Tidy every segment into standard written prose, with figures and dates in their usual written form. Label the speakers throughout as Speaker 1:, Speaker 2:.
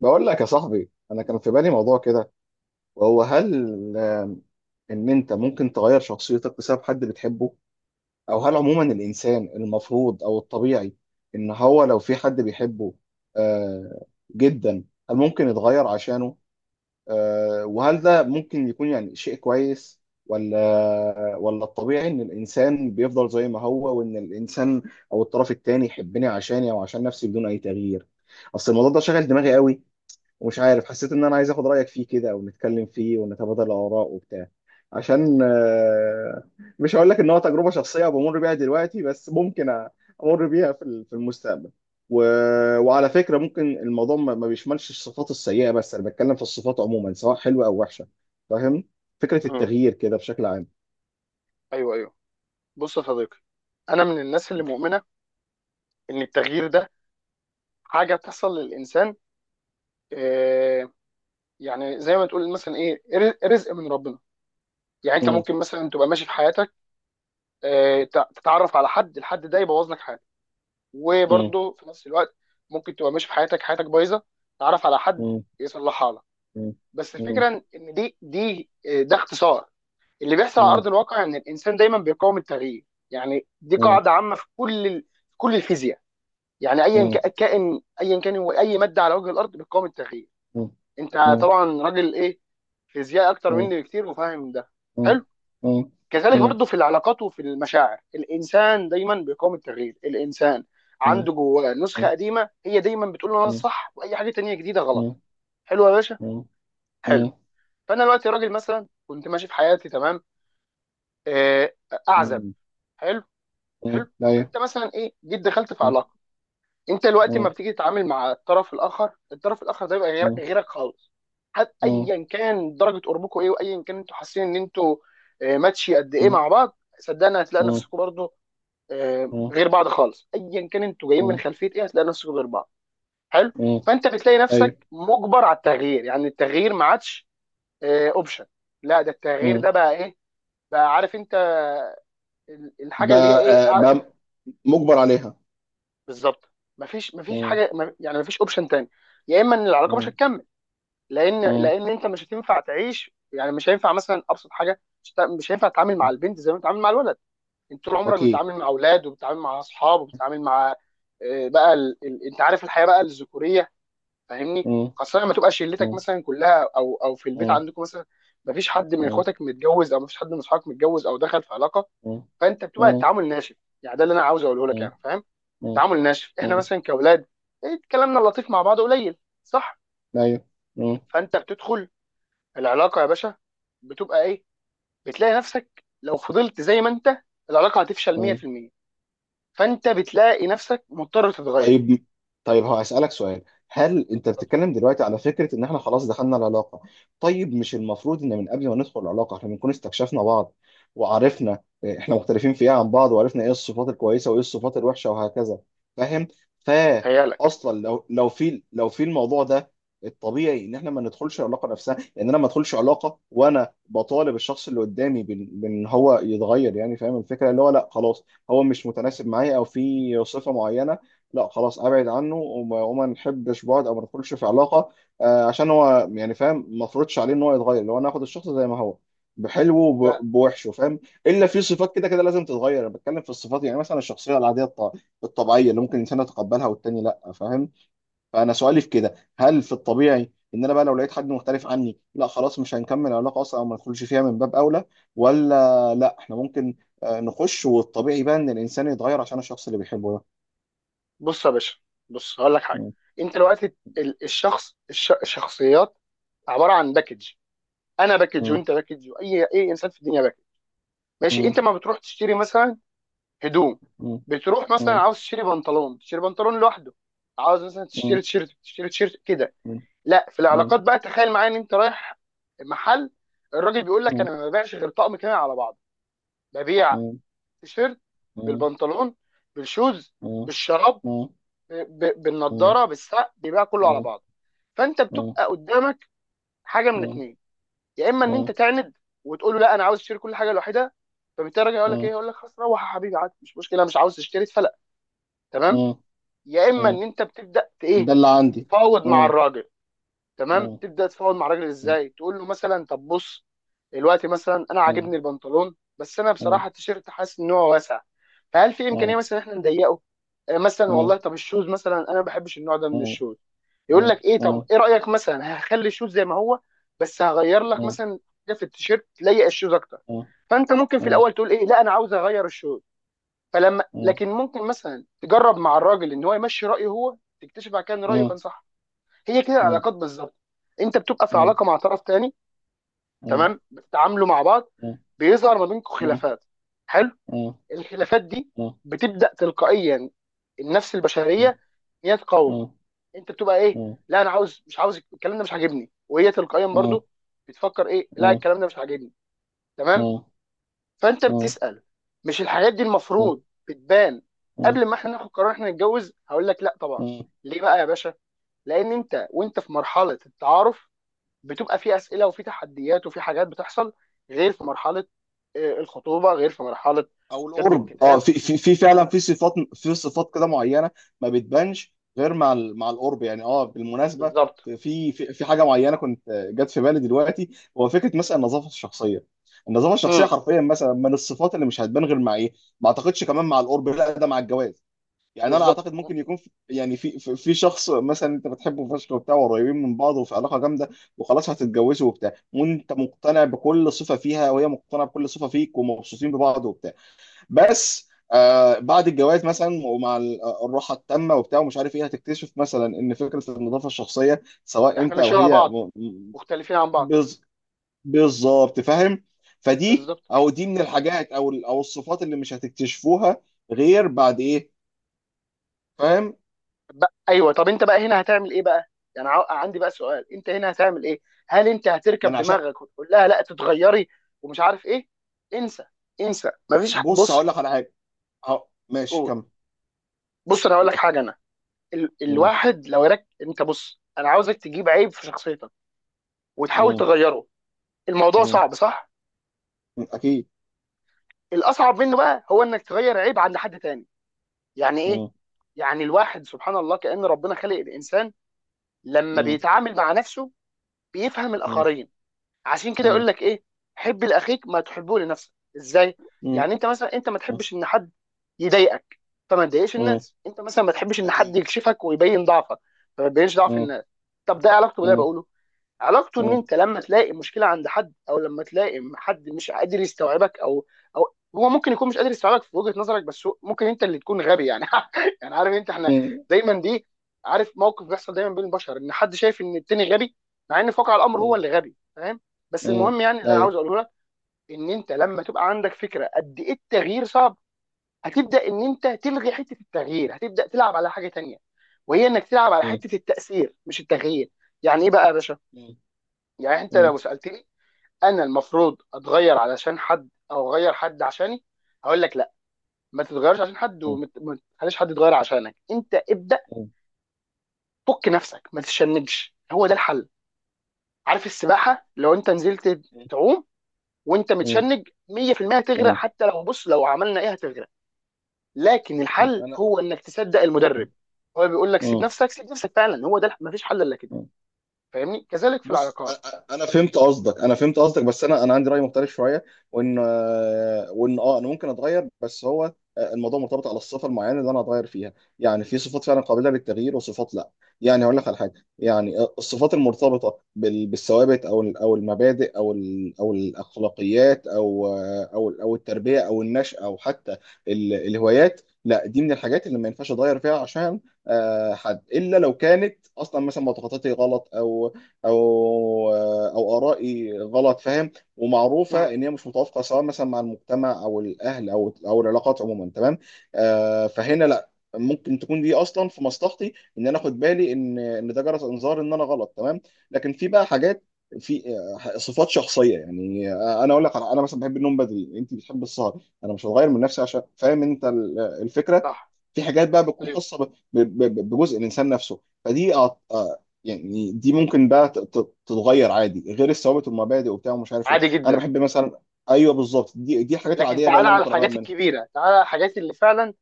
Speaker 1: بقول لك يا صاحبي، انا كان في بالي موضوع كده، وهو هل ان انت ممكن تغير شخصيتك بسبب حد بتحبه؟ او هل عموما الانسان المفروض او الطبيعي ان هو لو في حد بيحبه آه جدا، هل ممكن يتغير عشانه؟ وهل ده ممكن يكون يعني شيء كويس، ولا الطبيعي ان الانسان بيفضل زي ما هو، وان الانسان او الطرف التاني يحبني عشاني او عشان نفسي بدون اي تغيير؟ اصل الموضوع ده شغل دماغي قوي، ومش عارف، حسيت ان انا عايز اخد رايك فيه كده ونتكلم فيه ونتبادل الاراء وبتاع، عشان مش هقول لك ان هو تجربه شخصيه بمر بيها دلوقتي، بس ممكن امر بيها في في المستقبل و... وعلى فكره، ممكن الموضوع ما بيشملش الصفات السيئه، بس انا بتكلم في الصفات عموما سواء حلوه او وحشه، فاهم؟ فكره
Speaker 2: امم
Speaker 1: التغيير كده بشكل عام.
Speaker 2: ايوه، ايوه، بص يا صديقي. انا من الناس اللي مؤمنه ان التغيير ده حاجه بتحصل للانسان. آه يعني زي ما تقول مثلا ايه رزق من ربنا. يعني انت
Speaker 1: مم.
Speaker 2: ممكن مثلا تبقى ماشي في حياتك، تتعرف على حد، الحد ده يبوظ لك حياتك.
Speaker 1: مم.
Speaker 2: وبرضه في نفس الوقت ممكن تبقى ماشي في حياتك، حياتك بايظه، تتعرف على حد
Speaker 1: مم.
Speaker 2: يصلحها لك.
Speaker 1: مم.
Speaker 2: بس
Speaker 1: مم.
Speaker 2: الفكره ان دي دي آه، ده اختصار اللي بيحصل على ارض
Speaker 1: مم.
Speaker 2: الواقع، ان الانسان دايما بيقاوم التغيير. يعني دي
Speaker 1: مم.
Speaker 2: قاعده عامه في كل كل الفيزياء. يعني ايا
Speaker 1: مم.
Speaker 2: كائن، ايا كان هو، اي ماده على وجه الارض بتقاوم التغيير.
Speaker 1: مم.
Speaker 2: انت
Speaker 1: مم.
Speaker 2: طبعا راجل ايه، فيزياء اكتر
Speaker 1: مم.
Speaker 2: مني بكتير، وفاهم ده.
Speaker 1: مم.
Speaker 2: حلو.
Speaker 1: مم.
Speaker 2: كذلك برضو في العلاقات وفي المشاعر الانسان دايما بيقاوم التغيير. الانسان
Speaker 1: مم.
Speaker 2: عنده جواه نسخه قديمه هي دايما بتقول له انا
Speaker 1: مم.
Speaker 2: الصح، واي حاجه تانية جديده غلط.
Speaker 1: مم.
Speaker 2: حلو يا باشا،
Speaker 1: مم.
Speaker 2: حلو.
Speaker 1: مم.
Speaker 2: فانا دلوقتي راجل مثلا كنت ماشي في حياتي تمام، آه، اعزب.
Speaker 1: مم.
Speaker 2: حلو،
Speaker 1: مم.
Speaker 2: حلو.
Speaker 1: أيوه.
Speaker 2: فانت مثلا ايه جيت دخلت في
Speaker 1: مم.
Speaker 2: علاقه. انت دلوقتي لما
Speaker 1: مم.
Speaker 2: بتيجي تتعامل مع الطرف الاخر، الطرف الاخر ده يبقى
Speaker 1: مم.
Speaker 2: غيرك خالص. حتى
Speaker 1: مم.
Speaker 2: ايا كان درجه قربكم ايه، وايا كان انتوا حاسين ان انتوا ماتشي قد ايه
Speaker 1: مم.
Speaker 2: مع بعض، صدقني هتلاقي
Speaker 1: مم.
Speaker 2: نفسكم برضه
Speaker 1: مم.
Speaker 2: غير بعض خالص. ايا كان انتوا جايين من
Speaker 1: مم.
Speaker 2: خلفيه ايه، هتلاقي نفسكم غير بعض. حلو.
Speaker 1: مم.
Speaker 2: فانت بتلاقي
Speaker 1: أيوه.
Speaker 2: نفسك مجبر على التغيير. يعني التغيير ما عادش اوبشن، لا، ده التغيير
Speaker 1: مم.
Speaker 2: ده بقى ايه، بقى عارف انت الحاجه اللي هي
Speaker 1: بقى
Speaker 2: ايه
Speaker 1: آه، بقى مجبر عليها.
Speaker 2: بالظبط. مفيش
Speaker 1: مم.
Speaker 2: حاجه يعني مفيش اوبشن تاني. يا اما ان العلاقه مش
Speaker 1: مم.
Speaker 2: هتكمل، لان
Speaker 1: مم.
Speaker 2: لان انت مش هتنفع تعيش. يعني مش هينفع مثلا ابسط حاجه مش هينفع تتعامل مع
Speaker 1: مم.
Speaker 2: البنت زي ما بتتعامل مع الولد. انت طول عمرك
Speaker 1: أكيد.
Speaker 2: بتتعامل مع اولاد، وبتتعامل مع اصحاب، وبتتعامل مع انت عارف الحياه بقى الذكوريه. فاهمني،
Speaker 1: مم.
Speaker 2: خاصه لما تبقى شلتك
Speaker 1: مم.
Speaker 2: مثلا كلها، او او في البيت
Speaker 1: مم.
Speaker 2: عندكم مثلا ما فيش حد من
Speaker 1: مم.
Speaker 2: اخواتك متجوز، او ما فيش حد من اصحابك متجوز او دخل في علاقه.
Speaker 1: مم.
Speaker 2: فانت بتبقى
Speaker 1: مم.
Speaker 2: التعامل ناشف. يعني ده اللي انا عاوز اقوله لك، يعني فاهم،
Speaker 1: مم.
Speaker 2: تعامل ناشف. احنا
Speaker 1: مم.
Speaker 2: مثلا كاولاد كلامنا اللطيف مع بعض قليل، صح؟
Speaker 1: أيوه.
Speaker 2: فانت بتدخل العلاقه يا باشا، بتبقى ايه، بتلاقي نفسك لو فضلت زي ما انت العلاقه هتفشل 100%. فانت بتلاقي نفسك مضطر تتغير.
Speaker 1: طيب. طيب، هو هسألك سؤال: هل انت بتتكلم دلوقتي على فكرة ان احنا خلاص دخلنا العلاقة؟ طيب مش المفروض ان من قبل ما ندخل العلاقة احنا بنكون استكشفنا بعض، وعرفنا احنا مختلفين في ايه عن بعض، وعرفنا ايه الصفات الكويسة وايه الصفات الوحشة وهكذا؟ فاهم؟ فا
Speaker 2: بتهيألك.
Speaker 1: اصلا لو في الموضوع ده، الطبيعي ان احنا ما ندخلش العلاقة نفسها، لان انا ما ادخلش علاقة وانا بطالب الشخص اللي قدامي بإن هو يتغير، يعني فاهم الفكرة؟ اللي هو لا خلاص، هو مش متناسب معايا او في صفة معينة، لا خلاص ابعد عنه، وما نحبش بعض او ما ندخلش في علاقه، عشان هو يعني فاهم، ما افرضش عليه ان هو يتغير. لو انا اخد الشخص زي ما هو بحلوه
Speaker 2: لا.
Speaker 1: بوحشه، فاهم؟ الا في صفات كده كده لازم تتغير. انا بتكلم في الصفات، يعني مثلا الشخصيه العاديه الطبيعيه اللي ممكن الانسان يتقبلها، والتاني لا، فاهم؟ فانا سؤالي في كده: هل في الطبيعي ان انا بقى لو لقيت حد مختلف عني، لا خلاص مش هنكمل علاقه اصلا او ما ندخلش فيها من باب اولى؟ ولا لا، احنا ممكن نخش، والطبيعي بقى ان الانسان يتغير عشان الشخص اللي بيحبه ده؟
Speaker 2: بص يا باشا، بص هقول لك حاجه. انت دلوقتي الشخص الشخصيات عباره عن باكج. انا باكج،
Speaker 1: مم.
Speaker 2: وانت باكج، واي اي انسان في الدنيا باكج. ماشي؟
Speaker 1: مم.
Speaker 2: انت ما بتروح تشتري مثلا هدوم،
Speaker 1: مم.
Speaker 2: بتروح مثلا
Speaker 1: مم.
Speaker 2: عاوز تشتري بنطلون تشتري بنطلون لوحده، عاوز مثلا تشتري
Speaker 1: مم.
Speaker 2: تيشيرت تشتري تيشيرت كده.
Speaker 1: مم.
Speaker 2: لا، في
Speaker 1: مم.
Speaker 2: العلاقات بقى تخيل معايا ان انت رايح محل، الراجل بيقول لك
Speaker 1: مم.
Speaker 2: انا ما ببيعش غير طقم كامل على بعضه. ببيع
Speaker 1: مم.
Speaker 2: تيشيرت
Speaker 1: مم.
Speaker 2: بالبنطلون، بالشوز،
Speaker 1: مم.
Speaker 2: بالشراب،
Speaker 1: مم. مم. مم.
Speaker 2: بالنضاره، بالساعه، بيبيع كله على بعضه. فانت
Speaker 1: مم. مم.
Speaker 2: بتبقى قدامك حاجه من اتنين. يا اما ان انت تعند وتقول له لا انا عاوز اشتري كل حاجه لوحدها، فبالتالي الراجل يقول لك ايه، يقول لك خلاص روح يا حبيبي، عادي، مش مشكله، مش عاوز تشتري اتفلق، تمام.
Speaker 1: مم. مم.
Speaker 2: يا اما
Speaker 1: مم.
Speaker 2: ان انت بتبدا ت-
Speaker 1: مم. ده
Speaker 2: ايه
Speaker 1: اللي عندي.
Speaker 2: تتفاوض مع
Speaker 1: مم.
Speaker 2: الراجل. تمام.
Speaker 1: مم.
Speaker 2: تبدا تفاوض مع الراجل
Speaker 1: مم.
Speaker 2: ازاي؟ تقول له مثلا طب بص، دلوقتي مثلا انا
Speaker 1: مم.
Speaker 2: عاجبني البنطلون، بس انا بصراحه
Speaker 1: مم.
Speaker 2: التيشيرت حاسس ان هو واسع، فهل في امكانيه
Speaker 1: مم.
Speaker 2: مثلا احنا نضيقه؟ مثلا والله
Speaker 1: مم.
Speaker 2: طب الشوز مثلا انا ما بحبش النوع ده
Speaker 1: مم.
Speaker 2: من
Speaker 1: مم.
Speaker 2: الشوز. يقول لك ايه،
Speaker 1: مم.
Speaker 2: طب
Speaker 1: مم.
Speaker 2: ايه رايك مثلا هخلي الشوز زي ما هو، بس هغير لك مثلا حاجه في التيشيرت تليق الشوز اكتر.
Speaker 1: مم.
Speaker 2: فانت ممكن في الاول تقول ايه لا انا عاوز اغير الشوز، فلما
Speaker 1: مم. مم.
Speaker 2: لكن ممكن مثلا تجرب مع الراجل ان هو يمشي رايه هو، تكتشف بعد كده ان
Speaker 1: مم.
Speaker 2: رايه كان
Speaker 1: مم.
Speaker 2: صح. هي كده
Speaker 1: مم.
Speaker 2: العلاقات بالظبط. انت بتبقى في علاقه مع طرف تاني،
Speaker 1: مم.
Speaker 2: تمام، بتتعاملوا مع بعض، بيظهر ما بينكم
Speaker 1: مم. مم.
Speaker 2: خلافات. حلو.
Speaker 1: مم. مم. مم.
Speaker 2: الخلافات دي بتبدا تلقائيا، النفس البشريه
Speaker 1: مم.
Speaker 2: ان هي
Speaker 1: مم.
Speaker 2: تقاوم،
Speaker 1: مم.
Speaker 2: انت بتبقى ايه، لا انا عاوز، مش عاوز الكلام ده، مش عاجبني، وهي تلقائيا برضو بتفكر ايه، لا الكلام ده مش عاجبني. تمام. فانت بتسال، مش الحاجات دي المفروض بتبان
Speaker 1: مم. مم. مم. مم.
Speaker 2: قبل ما احنا ناخد قرار احنا نتجوز؟ هقول لك لا طبعا.
Speaker 1: مم.
Speaker 2: ليه بقى يا باشا؟ لان انت وانت في مرحله التعارف بتبقى في اسئله وفي تحديات وفي حاجات بتحصل، غير في مرحله الخطوبه، غير في مرحله
Speaker 1: او
Speaker 2: كتب
Speaker 1: القرب،
Speaker 2: الكتاب.
Speaker 1: في فعلا في صفات كده معينه، ما بتبانش غير مع القرب، يعني بالمناسبه،
Speaker 2: بالظبط.
Speaker 1: في في حاجه معينه كنت جت في بالي دلوقتي، هو فكره مثلا النظافه الشخصيه. النظافه الشخصيه
Speaker 2: امم
Speaker 1: حرفيا مثلا من الصفات اللي مش هتبان غير مع ايه؟ ما اعتقدش كمان مع القرب، لا ده مع الجواز. يعني انا
Speaker 2: بالظبط،
Speaker 1: اعتقد ممكن يكون في، يعني في شخص مثلا انت بتحبه فشخ وبتاع وقريبين من بعض وفي علاقه جامده، وخلاص هتتجوزوا وبتاع، وانت مقتنع بكل صفه فيها وهي مقتنعه بكل صفه فيك ومبسوطين ببعض وبتاع، بس آه بعد الجواز مثلا ومع الراحه التامه وبتاع ومش عارف ايه، هتكتشف مثلا ان فكره النظافه الشخصيه سواء
Speaker 2: احنا
Speaker 1: انت او
Speaker 2: ماشيين مع
Speaker 1: هي
Speaker 2: بعض مختلفين عن بعض.
Speaker 1: بز- بالظبط، فاهم؟ فدي
Speaker 2: بالظبط.
Speaker 1: او دي من الحاجات او او الصفات اللي مش هتكتشفوها غير بعد ايه؟ فاهم؟
Speaker 2: ايوه، طب انت بقى هنا هتعمل ايه بقى؟ يعني عندي بقى سؤال. انت هنا هتعمل ايه؟ هل انت
Speaker 1: ما
Speaker 2: هتركب
Speaker 1: انا عشان،
Speaker 2: دماغك وتقول لها لا تتغيري، ومش عارف ايه؟ انسى، انسى، مفيش
Speaker 1: بص
Speaker 2: بص.
Speaker 1: هقول لك على حاجه. ماشي،
Speaker 2: قول.
Speaker 1: كمل.
Speaker 2: بص انا هقول لك
Speaker 1: لأ.
Speaker 2: حاجه. انا ال...
Speaker 1: مم.
Speaker 2: الواحد لو رك انت بص انا عاوزك تجيب عيب في شخصيتك وتحاول
Speaker 1: مم.
Speaker 2: تغيره. الموضوع
Speaker 1: مم.
Speaker 2: صعب، صح؟
Speaker 1: اكيد.
Speaker 2: الاصعب منه بقى هو انك تغير عيب عند حد تاني. يعني ايه؟
Speaker 1: مم.
Speaker 2: يعني الواحد سبحان الله كأن ربنا خلق الانسان لما
Speaker 1: مم.
Speaker 2: بيتعامل مع نفسه بيفهم
Speaker 1: مم.
Speaker 2: الاخرين. عشان كده
Speaker 1: مم.
Speaker 2: يقول لك ايه، حب لاخيك ما تحبه لنفسك. ازاي؟
Speaker 1: مم.
Speaker 2: يعني انت مثلا انت ما تحبش ان حد يضايقك فما تضايقش
Speaker 1: مم.
Speaker 2: الناس، انت مثلا ما تحبش ان حد
Speaker 1: اكيد.
Speaker 2: يكشفك ويبين ضعفك فما تبينش ضعف
Speaker 1: مم.
Speaker 2: الناس. طب ده إيه علاقته باللي أنا
Speaker 1: مم.
Speaker 2: بقوله؟ علاقته ان انت لما تلاقي مشكله عند حد، او لما تلاقي حد مش قادر يستوعبك، او او هو ممكن يكون مش قادر يستوعبك في وجهه نظرك، بس ممكن انت اللي تكون غبي. يعني يعني عارف انت، احنا
Speaker 1: مم.
Speaker 2: دايما عارف موقف بيحصل دايما بين البشر ان حد شايف ان التاني غبي، مع ان في واقع الامر هو
Speaker 1: مم.
Speaker 2: اللي غبي، فاهم؟ بس
Speaker 1: مم.
Speaker 2: المهم يعني اللي انا عاوز
Speaker 1: ايوه.
Speaker 2: اقوله لك، ان انت لما تبقى عندك فكره قد ايه التغيير صعب، هتبدا ان انت تلغي حته التغيير، هتبدا تلعب على حاجه تانيه، وهي انك تلعب على
Speaker 1: مم.
Speaker 2: حته التاثير مش التغيير. يعني ايه بقى يا باشا؟
Speaker 1: مم.
Speaker 2: يعني انت
Speaker 1: مم.
Speaker 2: لو سالتني انا المفروض اتغير علشان حد او اغير حد عشاني، هقول لك لا. ما تتغيرش عشان حد،
Speaker 1: مم.
Speaker 2: وما ما تخليش حد يتغير عشانك انت ابدا. فك نفسك، ما تتشنجش، هو ده الحل. عارف السباحه لو انت نزلت
Speaker 1: مم.
Speaker 2: تعوم وانت
Speaker 1: مم.
Speaker 2: متشنج 100% هتغرق، حتى لو بص لو عملنا ايه هتغرق. لكن
Speaker 1: مم.
Speaker 2: الحل
Speaker 1: انا.
Speaker 2: هو انك تصدق المدرب. هو بيقول لك سيب
Speaker 1: مم.
Speaker 2: نفسك، سيب نفسك فعلا، هو ده، ما فيش حل الا كده.
Speaker 1: مم.
Speaker 2: فاهمني؟ كذلك في
Speaker 1: بص
Speaker 2: العلاقات.
Speaker 1: انا فهمت قصدك، انا فهمت قصدك، بس انا عندي راي مختلف شويه، وان انا ممكن اتغير، بس هو الموضوع مرتبط على الصفه المعينه اللي انا اتغير فيها. يعني في صفات فعلا قابله للتغيير وصفات لا. يعني هقول لك على حاجه: يعني الصفات المرتبطه بالثوابت، او او المبادئ، او او الاخلاقيات، او او او التربيه او النشأة، او حتى الهوايات، لا دي من الحاجات اللي ما ينفعش اتغير فيها عشان حد، الا لو كانت اصلا مثلا معتقداتي غلط، او او ارائي غلط، فاهم؟
Speaker 2: امم
Speaker 1: ومعروفه ان هي مش متوافقه سواء مثلا مع المجتمع او الاهل او العلاقات عموما، تمام. فهنا لا، ممكن تكون دي اصلا في مصلحتي، ان انا اخد بالي ان ده جرس انذار ان انا غلط، تمام. لكن في بقى حاجات، في صفات شخصيه، يعني انا اقول لك انا مثلا بحب النوم بدري، انت بتحب السهر، انا مش هتغير من نفسي عشان، فاهم انت الفكره؟
Speaker 2: صح،
Speaker 1: في حاجات بقى بتكون
Speaker 2: ايوه،
Speaker 1: خاصه بجزء الانسان نفسه، فدي يعني دي ممكن بقى تتغير عادي، غير الثوابت والمبادئ وبتاع ومش عارف ايه.
Speaker 2: عادي
Speaker 1: انا
Speaker 2: جدا.
Speaker 1: بحب مثلا. ايوه، بالظبط، دي الحاجات
Speaker 2: لكن
Speaker 1: العاديه بقى
Speaker 2: تعالى
Speaker 1: اللي انا
Speaker 2: على
Speaker 1: ممكن اغير
Speaker 2: الحاجات
Speaker 1: منها.
Speaker 2: الكبيره، تعالى على الحاجات اللي فعلا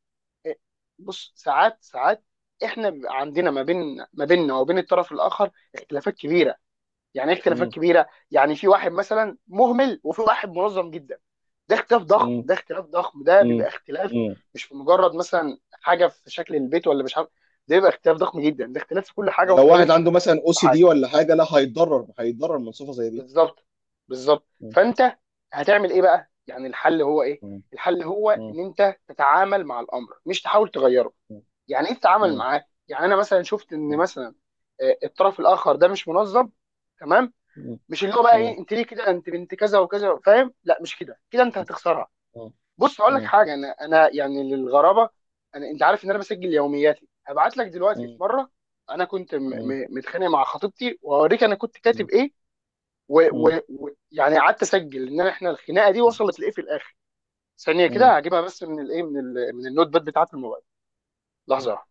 Speaker 2: إيه، بص ساعات، ساعات احنا بيبقى عندنا ما بين ما بيننا وبين الطرف الاخر اختلافات كبيره. يعني ايه اختلافات
Speaker 1: مم.
Speaker 2: كبيره؟ يعني في واحد مثلا مهمل وفي واحد منظم جدا. ده اختلاف ضخم،
Speaker 1: مم.
Speaker 2: ده اختلاف ضخم، ده
Speaker 1: مم.
Speaker 2: بيبقى اختلاف،
Speaker 1: مم.
Speaker 2: مش في مجرد مثلا حاجه في شكل البيت ولا مش عارف. ده بيبقى اختلاف ضخم جدا، ده اختلاف في كل حاجه وفي
Speaker 1: ولو
Speaker 2: طريقه
Speaker 1: واحد عنده
Speaker 2: التفكير
Speaker 1: مثلا او
Speaker 2: في
Speaker 1: سي
Speaker 2: حاجه.
Speaker 1: دي ولا حاجه، لا هيتضرر، هيتضرر من صفه زي دي.
Speaker 2: بالظبط. بالظبط.
Speaker 1: مم.
Speaker 2: فانت هتعمل ايه بقى؟ يعني الحل هو ايه؟
Speaker 1: مم.
Speaker 2: الحل هو
Speaker 1: مم.
Speaker 2: ان انت تتعامل مع الامر، مش تحاول تغيره. يعني ايه تتعامل
Speaker 1: مم.
Speaker 2: معاه؟ يعني انا مثلا شفت ان
Speaker 1: مم.
Speaker 2: مثلا الطرف الاخر ده مش منظم. تمام.
Speaker 1: مم.
Speaker 2: مش اللي هو بقى
Speaker 1: مم.
Speaker 2: ايه انت ليه كده انت بنت كذا وكذا، فاهم؟ لا، مش كده، كده انت
Speaker 1: مم.
Speaker 2: هتخسرها. بص اقول لك
Speaker 1: مم.
Speaker 2: حاجه، انا يعني للغرابه، انت عارف ان انا بسجل يومياتي. هبعت لك دلوقتي في
Speaker 1: مم.
Speaker 2: مره انا كنت
Speaker 1: مم.
Speaker 2: متخانق مع خطيبتي، وهوريك انا كنت كاتب
Speaker 1: مم.
Speaker 2: ايه،
Speaker 1: مم.
Speaker 2: ويعني قعدت اسجل ان احنا الخناقه دي وصلت لايه في الاخر. ثانيه
Speaker 1: مم.
Speaker 2: كده هجيبها، بس من الايه، من النوت باد بتاعت الموبايل. لحظه.